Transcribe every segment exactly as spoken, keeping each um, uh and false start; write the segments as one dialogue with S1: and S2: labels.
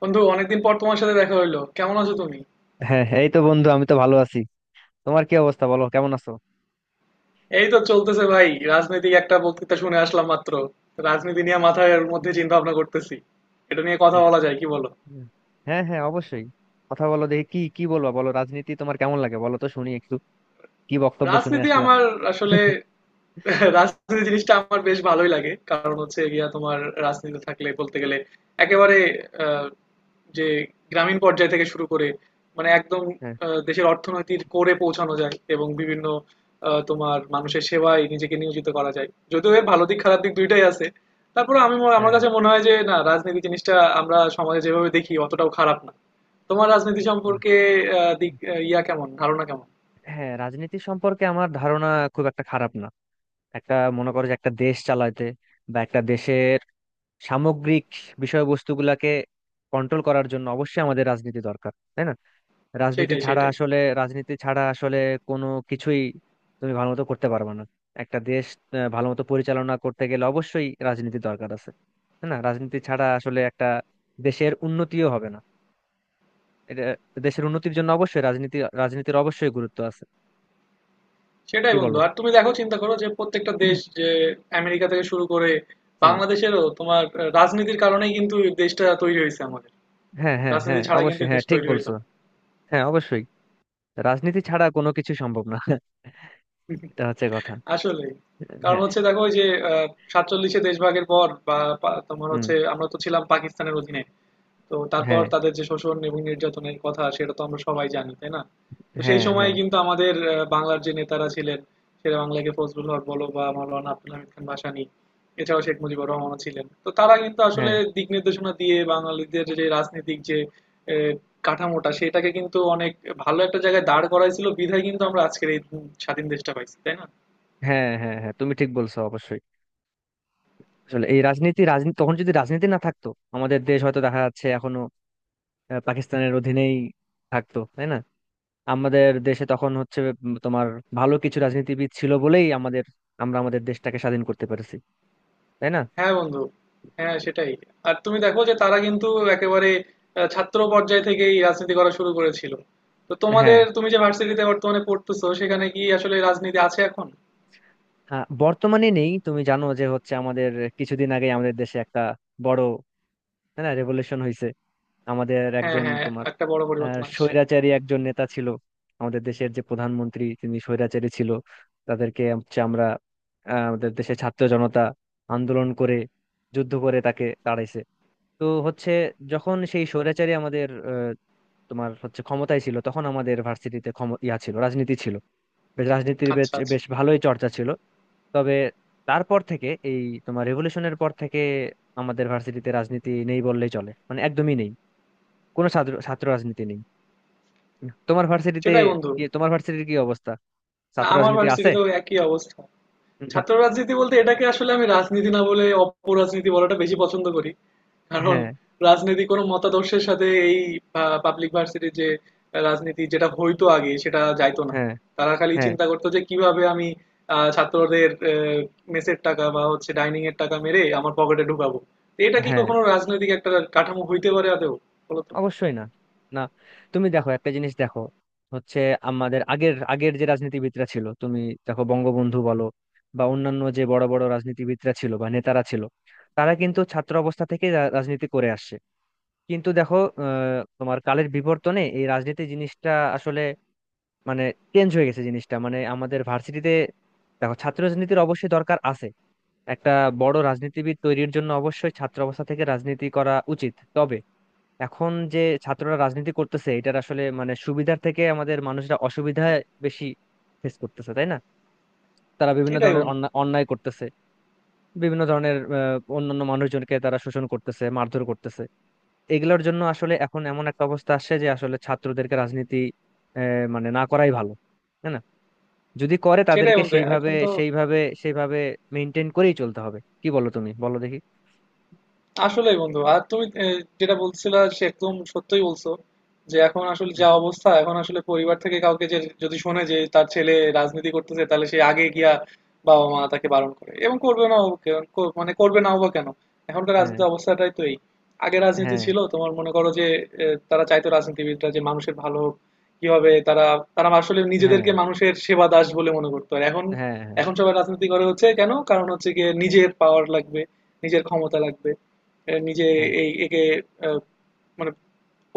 S1: বন্ধু, অনেকদিন পর তোমার সাথে দেখা হইলো। কেমন আছো তুমি?
S2: হ্যাঁ হ্যাঁ, এই তো বন্ধু, আমি তো ভালো আছি। তোমার কি অবস্থা? বলো কেমন আছো।
S1: এই তো চলতেছে ভাই। রাজনৈতিক একটা বক্তৃতা শুনে আসলাম মাত্র। রাজনীতি নিয়ে মাথার মধ্যে চিন্তা ভাবনা করতেছি। এটা নিয়ে কথা
S2: এই-
S1: বলা যায়, কি বলো?
S2: হ্যাঁ হ্যাঁ, অবশ্যই। কথা বলো দেখি, কি কি বলবা বলো। রাজনীতি তোমার কেমন লাগে বলো তো, শুনি একটু। কি বক্তব্য শুনে
S1: রাজনীতি
S2: আসলা?
S1: আমার, আসলে রাজনীতি জিনিসটা আমার বেশ ভালোই লাগে, কারণ হচ্ছে গিয়া তোমার রাজনীতি থাকলে বলতে গেলে একেবারে, আহ, যে গ্রামীণ পর্যায় থেকে শুরু করে মানে একদম
S2: হ্যাঁ
S1: আহ, দেশের অর্থনীতির কোরে পৌঁছানো যায়, এবং বিভিন্ন আহ, তোমার মানুষের সেবায় নিজেকে নিয়োজিত করা যায়। যদিও এর ভালো দিক খারাপ দিক দুইটাই আছে। তারপরে আমি ম- আমার
S2: হ্যাঁ।
S1: কাছে মনে হয় যে না, রাজনীতি জিনিসটা আমরা সমাজে যেভাবে দেখি অতটাও খারাপ না। তোমার রাজনীতি
S2: হ্যাঁ
S1: সম্পর্কে আহ, দিক আহ, ইয়া কেমন ধারণা, কেমন?
S2: হ্যাঁ, রাজনীতি সম্পর্কে আমার ধারণা খুব একটা খারাপ না। একটা, মনে করো যে, একটা দেশ চালাতে বা একটা দেশের সামগ্রিক বিষয়বস্তুগুলাকে কন্ট্রোল করার জন্য অবশ্যই আমাদের রাজনীতি দরকার, তাই না? রাজনীতি
S1: সেটাই
S2: ছাড়া
S1: সেটাই।
S2: আসলে রাজনীতি ছাড়া আসলে কোনো কিছুই তুমি ভালো মতো করতে পারবে না। একটা দেশ আহ, ভালো মতো পরিচালনা করতে গেলে অবশ্যই রাজনীতি দরকার আছে, তাই না? রাজনীতি ছাড়া আসলে একটা দেশের উন্নতিও হবে না। এটা, দেশের উন্নতির জন্য অবশ্যই রাজনীতি রাজনীতির অবশ্যই গুরুত্ব আছে। কি
S1: সেটাই বন্ধু,
S2: বলো?
S1: আর তুমি দেখো, চিন্তা করো যে প্রত্যেকটা
S2: হুম।
S1: দেশ, যে আমেরিকা থেকে শুরু করে
S2: হ্যাঁ
S1: বাংলাদেশেরও তোমার আহ, রাজনীতির কারণেই কিন্তু এই দেশটা তৈরি হয়েছে, আমাদের
S2: হ্যাঁ হ্যাঁ,
S1: রাজনীতি
S2: হ্যাঁ
S1: ছাড়া কিন্তু
S2: অবশ্যই,
S1: এই
S2: হ্যাঁ
S1: দেশ
S2: ঠিক
S1: তৈরি হইতো
S2: বলছো।
S1: না।
S2: হ্যাঁ অবশ্যই, রাজনীতি ছাড়া কোনো কিছু সম্ভব না। এটা হচ্ছে কথা।
S1: আসলে কারণ
S2: হ্যাঁ।
S1: হচ্ছে দেখো, ওই যে আহ, সাতচল্লিশে দেশ ভাগের পর বা পা- তোমার
S2: হুম।
S1: হচ্ছে আমরা তো ছিলাম পাকিস্তানের অধীনে। তো তারপর
S2: হ্যাঁ
S1: তাদের যে শোষণ এবং নির্যাতনের কথা, সেটা তো আমরা সবাই জানি, তাই না? তো সেই
S2: হ্যাঁ। হ্যাঁ।
S1: সময়ে
S2: হ্যাঁ
S1: কিন্তু আমাদের আহ, বাংলার যে নেতারা ছিলেন, শেরে বাংলাকে ফজলুল হক বলো বা মাওলানা আব্দুল হামিদ খান ভাসানী, এছাড়াও শেখ মুজিবুর রহমানও ছিলেন, তো তারা কিন্তু আসলে
S2: হ্যাঁ
S1: দিক নির্দেশনা দিয়ে বাঙালিদের যে রাজনৈতিক যে আহ, কাঠামোটা সেটাকে কিন্তু অনেক ভালো একটা জায়গায় দাঁড় করাইছিল বিধায় কিন্তু আমরা আজকের এই স্বাধীন দেশটা পাইছি, তাই না?
S2: হ্যাঁ। হ্যাঁ হ্যাঁ, তুমি ঠিক বলছো অবশ্যই। আসলে এই রাজনীতি রাজনীতি তখন যদি রাজনীতি না থাকতো, আমাদের দেশ হয়তো দেখা যাচ্ছে এখনো আহ, পাকিস্তানের অধীনেই থাকতো, তাই না? আমাদের দেশে তখন হচ্ছে উম, তোমার ভালো কিছু রাজনীতিবিদ ছিল বলেই আমাদের, আমরা আমাদের দেশটাকে স্বাধীন করতে পেরেছি, তাই না?
S1: হ্যাঁ বন্ধু। হ্যাঁ, সেটাই। আর তুমি দেখো যে তারা কিন্তু একেবারে আহ, ছাত্র পর্যায় থেকেই রাজনীতি করা শুরু করেছিল। তো
S2: হ্যাঁ।
S1: তোমাদের, তুমি যে ভার্সিটিতে বর্তমানে পড়তেছো, সেখানে কি আসলে রাজনীতি আছে এখন?
S2: হ্যাঁ, বর্তমানে নেই। তুমি জানো যে হচ্ছে, আমাদের কিছুদিন আগে আমাদের দেশে একটা বড়, তাই না, রেভলিউশন হয়েছে। আমাদের
S1: হ্যাঁ
S2: একজন
S1: হ্যাঁ,
S2: তোমার
S1: একটা বড়
S2: আহ
S1: পরিবর্তন আসছে।
S2: স্বৈরাচারী একজন নেতা ছিল, আমাদের দেশের যে প্রধানমন্ত্রী তিনি স্বৈরাচারী ছিল। তাদেরকে হচ্ছে আমরা আহ, আমাদের দেশের ছাত্র জনতা আন্দোলন করে, যুদ্ধ করে তাকে তাড়াইছে। তো হচ্ছে, যখন সেই স্বৈরাচারী আমাদের আহ, তোমার হচ্ছে ক্ষমতায় ছিল, তখন আমাদের ভার্সিটিতে ক্ষম- ইয়া ছিল, রাজনীতি ছিল, বেশ রাজনীতির বেশ
S1: আচ্ছা আচ্ছা।
S2: বেশ ভালোই চর্চা ছিল। তবে তারপর থেকে এই তোমার রেভলিউশনের পর থেকে আমাদের ভার্সিটিতে রাজনীতি নেই বললেই চলে, মানে একদমই নেই। কোনো ছাত্র ছাত্র রাজনীতি নেই তোমার ভার্সিটিতে।
S1: সেটাই বন্ধু।
S2: কি, তোমার ভার্সিটির কি অবস্থা?
S1: না,
S2: ছাত্র
S1: আমার
S2: রাজনীতি আছে?
S1: ভার্সিটিতেও একই অবস্থা। ছাত্র রাজনীতি বলতে এটাকে আসলে আমি রাজনীতি না বলে অপরাজনীতি বলাটা বেশি পছন্দ করি, কারণ
S2: হ্যাঁ
S1: রাজনীতি কোনো মতাদর্শের সাথে, এই পাবলিক ভার্সিটির যে রাজনীতি যেটা হইতো আগে, সেটা যাইতো না।
S2: হ্যাঁ
S1: তারা খালি
S2: হ্যাঁ।
S1: চিন্তা করতো যে কিভাবে আমি আহ, ছাত্রদের মেসের টাকা বা হচ্ছে ডাইনিং এর টাকা মেরে আমার পকেটে ঢুকাবো। তো এটা কি
S2: হ্যাঁ
S1: কখনো রাজনৈতিক একটা কাঠামো হইতে পারে আদৌ, বলতো?
S2: অবশ্যই না, না। তুমি দেখো একটা জিনিস দেখো, হচ্ছে, আমাদের আগের আগের যে রাজনীতিবিদরা ছিল, তুমি দেখো, বঙ্গবন্ধু বলো বা অন্যান্য যে বড় বড় রাজনীতিবিদরা ছিল বা নেতারা ছিল, তারা কিন্তু ছাত্র অবস্থা থেকে রা- রাজনীতি করে আসছে। কিন্তু দেখো, আহ, তোমার কালের বিবর্তনে এই রাজনীতি জিনিসটা আসলে মানে চেঞ্জ হয়ে গেছে জিনিসটা। মানে আমাদের ভার্সিটিতে, দেখো, ছাত্র রাজনীতির অবশ্যই দরকার আছে। একটা বড় রাজনীতিবিদ তৈরির জন্য অবশ্যই ছাত্র অবস্থা থেকে রাজনীতি করা উচিত, তবে এখন যে ছাত্ররা রাজনীতি করতেছে এটার আসলে মানে সুবিধার থেকে আমাদের মানুষরা অসুবিধা বেশি ফেস করতেছে, তাই না? তারা বিভিন্ন
S1: সেটাই
S2: ধরনের
S1: বন্ধু।
S2: অন্যা- অন্যায় করতেছে, বিভিন্ন ধরনের আহ, অন্যান্য মানুষজনকে তারা শোষণ করতেছে, মারধর করতেছে। এগুলোর জন্য আসলে এখন এমন একটা অবস্থা আসছে যে আসলে ছাত্রদেরকে রাজনীতি আহ, মানে না করাই ভালো, তাই না? যদি করে,
S1: সেটাই
S2: তাদেরকে
S1: বন্ধু,
S2: সেইভাবে
S1: এখন তো
S2: সেইভাবে সেইভাবে মেনটেন করেই চলতে হবে। কি বলো, তুমি বলো দেখি।
S1: আসলেই বন্ধু। আর তুমি আহ, যেটা বলছিলা সে একদম সত্যই বলছো। যে এখন আসলে যা অবস্থা, এখন আসলে পরিবার থেকে কাউকে, যে যদি শোনে যে তার ছেলে রাজনীতি করতেছে, তাহলে সে আগে গিয়া বাবা মা তাকে বারণ করে, এবং করবে না মানে করবে নাও বা কেন, এখনকার
S2: হ্যাঁ
S1: রাজনীতি অবস্থাটাই তো এই। আগে রাজনীতি
S2: হ্যাঁ
S1: ছিল, তোমার মনে করো যে আহ, তারা চাইতো রাজনীতিবিদরা যে মানুষের ভালো হোক। কিভাবে তারা, তারা আসলে
S2: হ্যাঁ।
S1: নিজেদেরকে মানুষের সেবা দাস বলে মনে করতো, আর এখন
S2: হ্যাঁ হ্যাঁ
S1: এখন সবাই রাজনীতি করে হচ্ছে কেন, কারণ হচ্ছে গিয়ে নিজের পাওয়ার লাগবে, নিজের ক্ষমতা লাগবে, এ নিজে,
S2: হ্যাঁ।
S1: এই একে আহ, মানে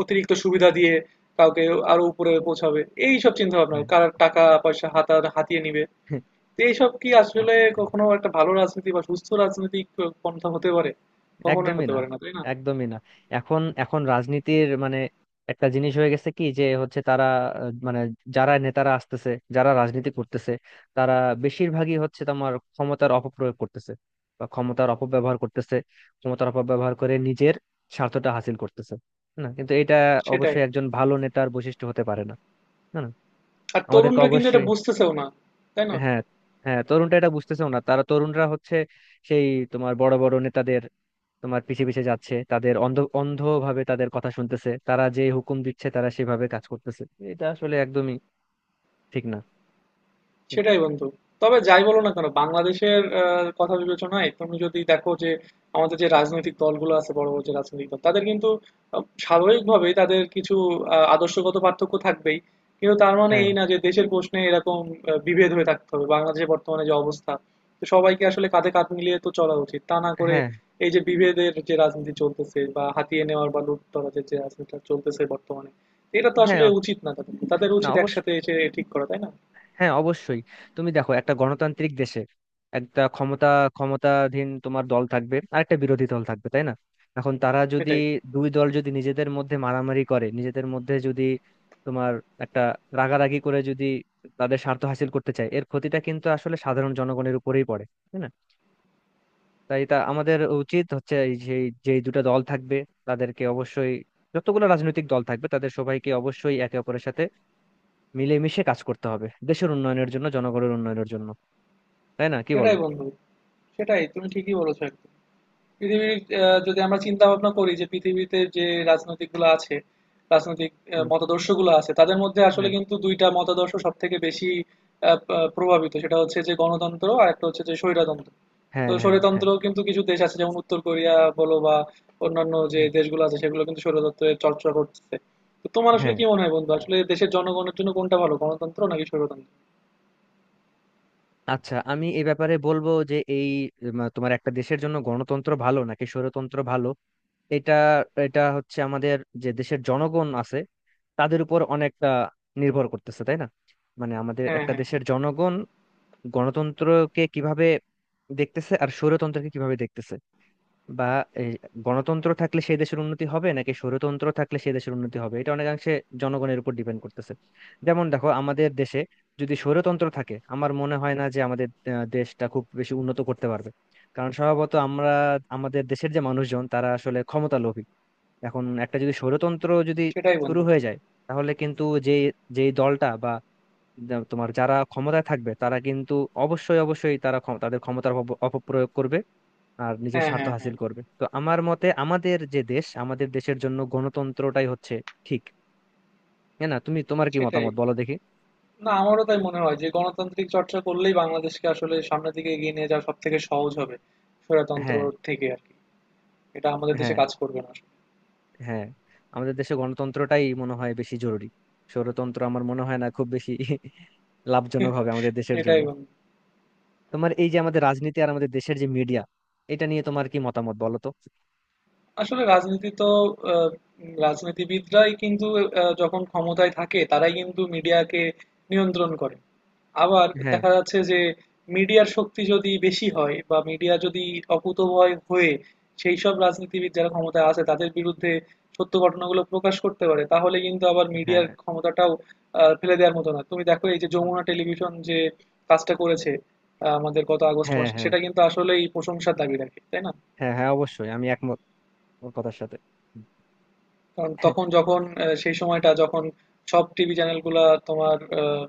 S1: অতিরিক্ত সুবিধা দিয়ে কাউকে আরো উপরে পৌঁছাবে। এইসব চিন্তা ভাবনা,
S2: হ্যাঁ
S1: কার টাকা পয়সা হাতার হাতিয়ে নিবে।
S2: হ্যাঁ,
S1: তো এইসব কি
S2: হ্যাঁ।
S1: আসলে কখনো একটা ভালো রাজনীতি বা সুস্থ রাজনৈতিক পন্থা হতে পারে? কখনোই
S2: একদমই
S1: হতে
S2: না,
S1: পারে না, তাই না?
S2: একদমই না। এখন এখন রাজনীতির মানে একটা জিনিস হয়ে গেছে, কি যে হচ্ছে, তারা আহ, মানে, যারা নেতারা আসতেছে, যারা রাজনীতি করতেছে, তারা বেশিরভাগই হচ্ছে তোমার ক্ষমতার অপপ্রয়োগ করতেছে বা ক্ষমতার অপব্যবহার করতেছে। ক্ষমতার অপব্যবহার করে নিজের স্বার্থটা হাসিল করতেছে। না, কিন্তু এটা
S1: সেটাই।
S2: অবশ্যই একজন ভালো নেতার বৈশিষ্ট্য হতে পারে না। না না?
S1: আর
S2: আমাদেরকে
S1: তরুণরা কিন্তু এটা
S2: অবশ্যই।
S1: বুঝতেছেও না, তাই না?
S2: হ্যাঁ। হ্যাঁ, তরুণরা এটা বুঝতেছেও না। তারা, তরুণরা হচ্ছে সেই তোমার বড় বড় নেতাদের তোমার পিছে পিছে যাচ্ছে, তাদের অন্ধ অন্ধভাবে তাদের কথা শুনতেছে, তারা যে হুকুম দিচ্ছে তারা সেভাবে কাজ করতেছে। এটা আসলে একদমই ঠিক না।
S1: সেটাই বন্ধু। তবে যাই বলো না কেন, বাংলাদেশের আহ, কথা বিবেচনায় তুমি যদি দেখো যে আমাদের যে রাজনৈতিক দলগুলো আছে, বড় বড় যে রাজনৈতিক দল, তাদের কিন্তু আহ, স্বাভাবিকভাবেই তাদের কিছু আহ, আদর্শগত পার্থক্য থাকবেই। কিন্তু তার মানে
S2: হ্যাঁ।
S1: এই না যে দেশের প্রশ্নে এরকম আহ, বিভেদ হয়ে থাকতে হবে। বাংলাদেশের বর্তমানে যে অবস্থা, তো সবাইকে আসলে কাঁধে কাঁধ মিলিয়ে তো চলা উচিত। তা না করে
S2: হ্যাঁ
S1: এই যে বিভেদের যে রাজনীতি চলতেছে বা হাতিয়ে নেওয়ার বা লুট তরাজের যে রাজনীতিটা চলতেছে বর্তমানে, এটা তো
S2: হ্যাঁ,
S1: আসলে উচিত না। তাদের তাদের
S2: না
S1: উচিত
S2: অবশ্যই,
S1: একসাথে এসে ঠিক করা, তাই না?
S2: হ্যাঁ অবশ্যই। তুমি দেখো, একটা গণতান্ত্রিক দেশে একটা ক্ষমতা ক্ষমতাধীন তোমার দল থাকবে আর একটা বিরোধী দল থাকবে, তাই না? এখন তারা যদি,
S1: সেটাই।
S2: দুই দল যদি নিজেদের মধ্যে মারামারি করে, নিজেদের মধ্যে যদি তোমার একটা রাগারাগি করে, যদি তাদের স্বার্থ হাসিল করতে চায়, এর ক্ষতিটা কিন্তু আসলে সাধারণ জনগণের উপরেই পড়ে, তাই না? তাই এটা আমাদের উচিত হচ্ছে, এই যে যেই দুটো দল থাকবে তাদেরকে অবশ্যই, যতগুলো রাজনৈতিক দল থাকবে তাদের সবাইকে অবশ্যই একে অপরের সাথে মিলেমিশে কাজ করতে হবে দেশের উন্নয়নের জন্য, জনগণের উন্নয়নের জন্য। তাই না, কি বলো?
S1: সেটাই বন্ধু, সেটাই। তুমি ঠিকই বলেছো একদম। পৃথিবীর আহ, যদি আমরা চিন্তা ভাবনা করি যে পৃথিবীতে যে রাজনৈতিক গুলো আছে রাজনৈতিক
S2: হুম।
S1: মতাদর্শ গুলো আছে, তাদের মধ্যে আসলে
S2: হ্যাঁ
S1: কিন্তু দুইটা মতাদর্শ সব থেকে বেশি আহ, আহ, প্রভাবিত। সেটা হচ্ছে যে গণতন্ত্র, আর একটা হচ্ছে যে স্বৈরতন্ত্র। তো
S2: হ্যাঁ হ্যাঁ। হ্যাঁ
S1: স্বৈরতন্ত্র কিন্তু কিছু দেশ আছে যেমন উত্তর কোরিয়া বলো বা অন্যান্য যে
S2: হুম,
S1: দেশগুলো আছে, সেগুলো কিন্তু স্বৈরতন্ত্রের চর্চা করছে। তো তোমার আসলে
S2: হ্যাঁ।
S1: কি মনে হয় বন্ধু, আসলে দেশের জনগণের জন্য কোনটা ভালো, গণতন্ত্র নাকি স্বৈরতন্ত্র?
S2: আচ্ছা, আমি এই ব্যাপারে বলবো যে এই উম, তোমার একটা দেশের জন্য গণতন্ত্র ভালো নাকি স্বৈরতন্ত্র ভালো, এটা, এটা হচ্ছে আমাদের যে দেশের জনগণ আছে তাদের উপর অনেকটা নির্ভর করতেছে, তাই না? মানে আমাদের
S1: হ্যাঁ
S2: একটা
S1: হ্যাঁ।
S2: দেশের জনগণ গণতন্ত্রকে কিভাবে দেখতেছে আর স্বৈরতন্ত্রকে কিভাবে দেখতেছে, বা এই গণতন্ত্র থাকলে সেই দেশের উন্নতি হবে নাকি স্বৈরতন্ত্র থাকলে সেই দেশের উন্নতি হবে, এটা অনেকাংশে জনগণের উপর ডিপেন্ড করতেছে। যেমন দেখো, আমাদের দেশে যদি স্বৈরতন্ত্র থাকে, আমার মনে হয় না যে আমাদের আহ, দেশটা খুব বেশি উন্নত করতে পারবে। কারণ স্বভাবত আমরা, আমাদের দেশের যে মানুষজন তারা আসলে ক্ষমতা লোভী। এখন একটা যদি স্বৈরতন্ত্র যদি
S1: সেটাই
S2: শুরু
S1: বন্ধু।
S2: হয়ে যায়, তাহলে কিন্তু যে, যেই দলটা বা তোমার যারা ক্ষমতায় থাকবে তারা কিন্তু অবশ্যই অবশ্যই তারা ক্ষম- তাদের ক্ষমতার অপ- অপপ্রয়োগ করবে আর নিজের
S1: হ্যাঁ
S2: স্বার্থ
S1: হ্যাঁ
S2: হাসিল
S1: হ্যাঁ।
S2: করবে। তো আমার মতে আমাদের যে দেশ, আমাদের দেশের জন্য গণতন্ত্রটাই হচ্ছে ঠিক। হ্যাঁ না, তুমি তোমার কি
S1: সেটাই।
S2: মতামত বলো দেখি।
S1: না, আমারও তাই মনে হয় যে গণতান্ত্রিক চর্চা করলেই বাংলাদেশকে আসলে সামনের দিকে এগিয়ে নিয়ে যাওয়া সব থেকে সহজ হবে। স্বৈরতন্ত্র
S2: হ্যাঁ
S1: থেকে আর কি, এটা আমাদের দেশে
S2: হ্যাঁ
S1: কাজ করবে না আসলে।
S2: হ্যাঁ। আমাদের দেশে গণতন্ত্রটাই মনে হয় বেশি জরুরি, স্বৈরতন্ত্র আমার মনে হয় না খুব বেশি লাভজনক হবে আমাদের দেশের জন্য।
S1: সেটাই বন্ধু।
S2: তোমার এই যে আমাদের রাজনীতি আর আমাদের দেশের যে মিডিয়া, এটা নিয়ে তোমার কি মতামত বলো তো।
S1: আসলে রাজনীতি তো আহ, উম, রাজনীতিবিদরাই কিন্তু আহ, যখন ক্ষমতায় থাকে তারাই কিন্তু মিডিয়াকে নিয়ন্ত্রণ করে। আবার
S2: হ্যাঁ।
S1: দেখা যাচ্ছে যে মিডিয়ার শক্তি যদি বেশি হয় বা মিডিয়া যদি অকুতোভয় হয়ে সেই সব রাজনীতিবিদ যারা ক্ষমতায় আছে তাদের বিরুদ্ধে সত্য ঘটনাগুলো প্রকাশ করতে পারে, তাহলে কিন্তু আবার মিডিয়ার
S2: হ্যাঁ
S1: ক্ষমতাটাও আহ, ফেলে দেওয়ার মতো না। তুমি দেখো এই যে যমুনা টেলিভিশন যে কাজটা করেছে আহ, আমাদের গত আগস্ট
S2: হ্যাঁ।
S1: মাসে,
S2: হ্যাঁ
S1: সেটা কিন্তু আসলেই প্রশংসার দাবি রাখে, তাই না?
S2: হ্যাঁ হ্যাঁ, অবশ্যই আমি একমত ওর কথার সাথে।
S1: কারণ তখন যখন আহ, সেই সময়টা যখন সব টিভি চ্যানেলগুলা তোমার আহ,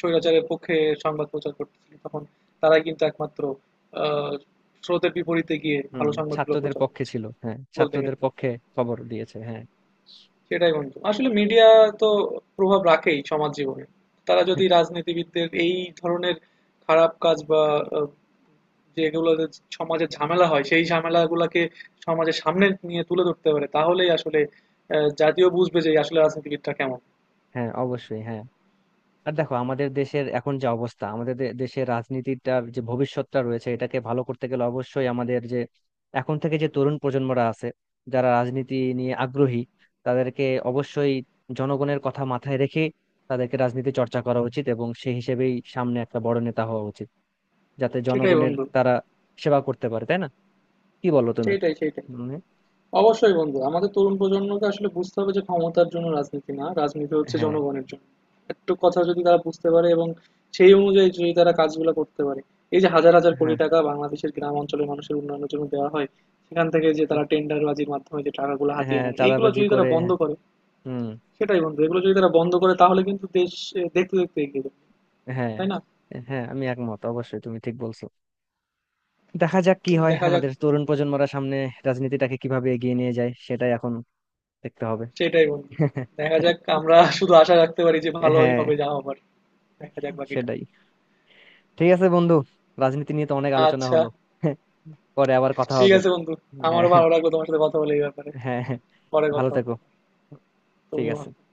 S1: স্বৈরাচারের পক্ষে সংবাদ প্রচার করতেছিল, তখন তারাই কিন্তু একমাত্র আহ, স্রোতের বিপরীতে গিয়ে
S2: হুম।
S1: ভালো সংবাদগুলো
S2: ছাত্রদের
S1: প্রচার
S2: পক্ষে
S1: করছে
S2: ছিল, হ্যাঁ
S1: বলতে গেলে।
S2: ছাত্রদের পক্ষে খবর দিয়েছে, হ্যাঁ।
S1: সেটাই বন্ধু। আসলে মিডিয়া তো প্রভাব রাখেই সমাজ জীবনে। তারা যদি রাজনীতিবিদদের এই ধরনের খারাপ কাজ বা আহ, যেগুলো সমাজে ঝামেলা হয় সেই ঝামেলাগুলোকে সমাজের সামনে নিয়ে তুলে ধরতে পারে, তাহলেই আসলে আহ, জাতীয় বুঝবে যে আসলে রাজনীতিবিদটা কেমন।
S2: হ্যাঁ অবশ্যই, হ্যাঁ। আর দেখো, আমাদের দেশের এখন যে অবস্থা, আমাদের দে- দেশের রাজনীতিটার যে ভবিষ্যৎটা রয়েছে, এটাকে ভালো করতে গেলে অবশ্যই আমাদের যে এখন থেকে যে তরুণ প্রজন্মরা আছে, যারা রাজনীতি নিয়ে আগ্রহী, তাদেরকে অবশ্যই জনগণের কথা মাথায় রেখে তাদেরকে রাজনীতি চর্চা করা উচিত এবং সেই হিসেবেই সামনে একটা বড় নেতা হওয়া উচিত, যাতে
S1: সেটাই
S2: জনগণের
S1: বন্ধু।
S2: তারা সেবা করতে পারে, তাই না? কি বলো তুমি?
S1: সেইটাই সেইটাই।
S2: মানে।
S1: অবশ্যই বন্ধু, আমাদের তরুণ প্রজন্মকে আসলে বুঝতে হবে যে ক্ষমতার জন্য রাজনীতি না, রাজনীতি হচ্ছে
S2: হ্যাঁ
S1: জনগণের জন্য। একটু কথা যদি তারা বুঝতে পারে এবং সেই অনুযায়ী যদি তারা কাজগুলো করতে পারে, এই যে হাজার হাজার কোটি
S2: হ্যাঁ
S1: টাকা বাংলাদেশের গ্রাম অঞ্চলের মানুষের উন্নয়নের জন্য দেওয়া হয়, সেখান থেকে যে তারা টেন্ডারবাজির মাধ্যমে যে টাকাগুলো হাতিয়ে
S2: হ্যাঁ,
S1: নেয়, এইগুলো
S2: চাঁদাবাজি
S1: যদি তারা
S2: করে।
S1: বন্ধ করে,
S2: হুম।
S1: সেটাই বন্ধু, এগুলো যদি তারা বন্ধ করে তাহলে কিন্তু দেশ এ, দেখতে দেখতে এগিয়ে যাবে,
S2: হ্যাঁ।
S1: তাই না?
S2: হ্যাঁ আমি একমত, অবশ্যই তুমি ঠিক বলছো। দেখা যাক কি হয়,
S1: দেখা যাক।
S2: আমাদের তরুণ প্রজন্মরা সামনে রাজনীতিটাকে কিভাবে এগিয়ে নিয়ে যায় সেটাই এখন দেখতে হবে।
S1: সেটাই বন্ধু, দেখা যাক। আমরা শুধু আশা রাখতে পারি যে ভালোই
S2: হ্যাঁ
S1: হবে যা হবার। দেখা যাক বাকিটা।
S2: সেটাই। ঠিক আছে বন্ধু, রাজনীতি নিয়ে তো অনেক আলোচনা
S1: আচ্ছা,
S2: হলো। পরে আবার কথা
S1: ঠিক
S2: হবে।
S1: আছে বন্ধু।
S2: হ্যাঁ
S1: আমারও ভালো লাগলো তোমার সাথে কথা বলে এই ব্যাপারে।
S2: হ্যাঁ হ্যাঁ,
S1: পরে
S2: ভালো
S1: কথা হবে
S2: থেকো।
S1: আবার।
S2: ঠিক
S1: তুমিও
S2: আছে।
S1: ভালো থেকো।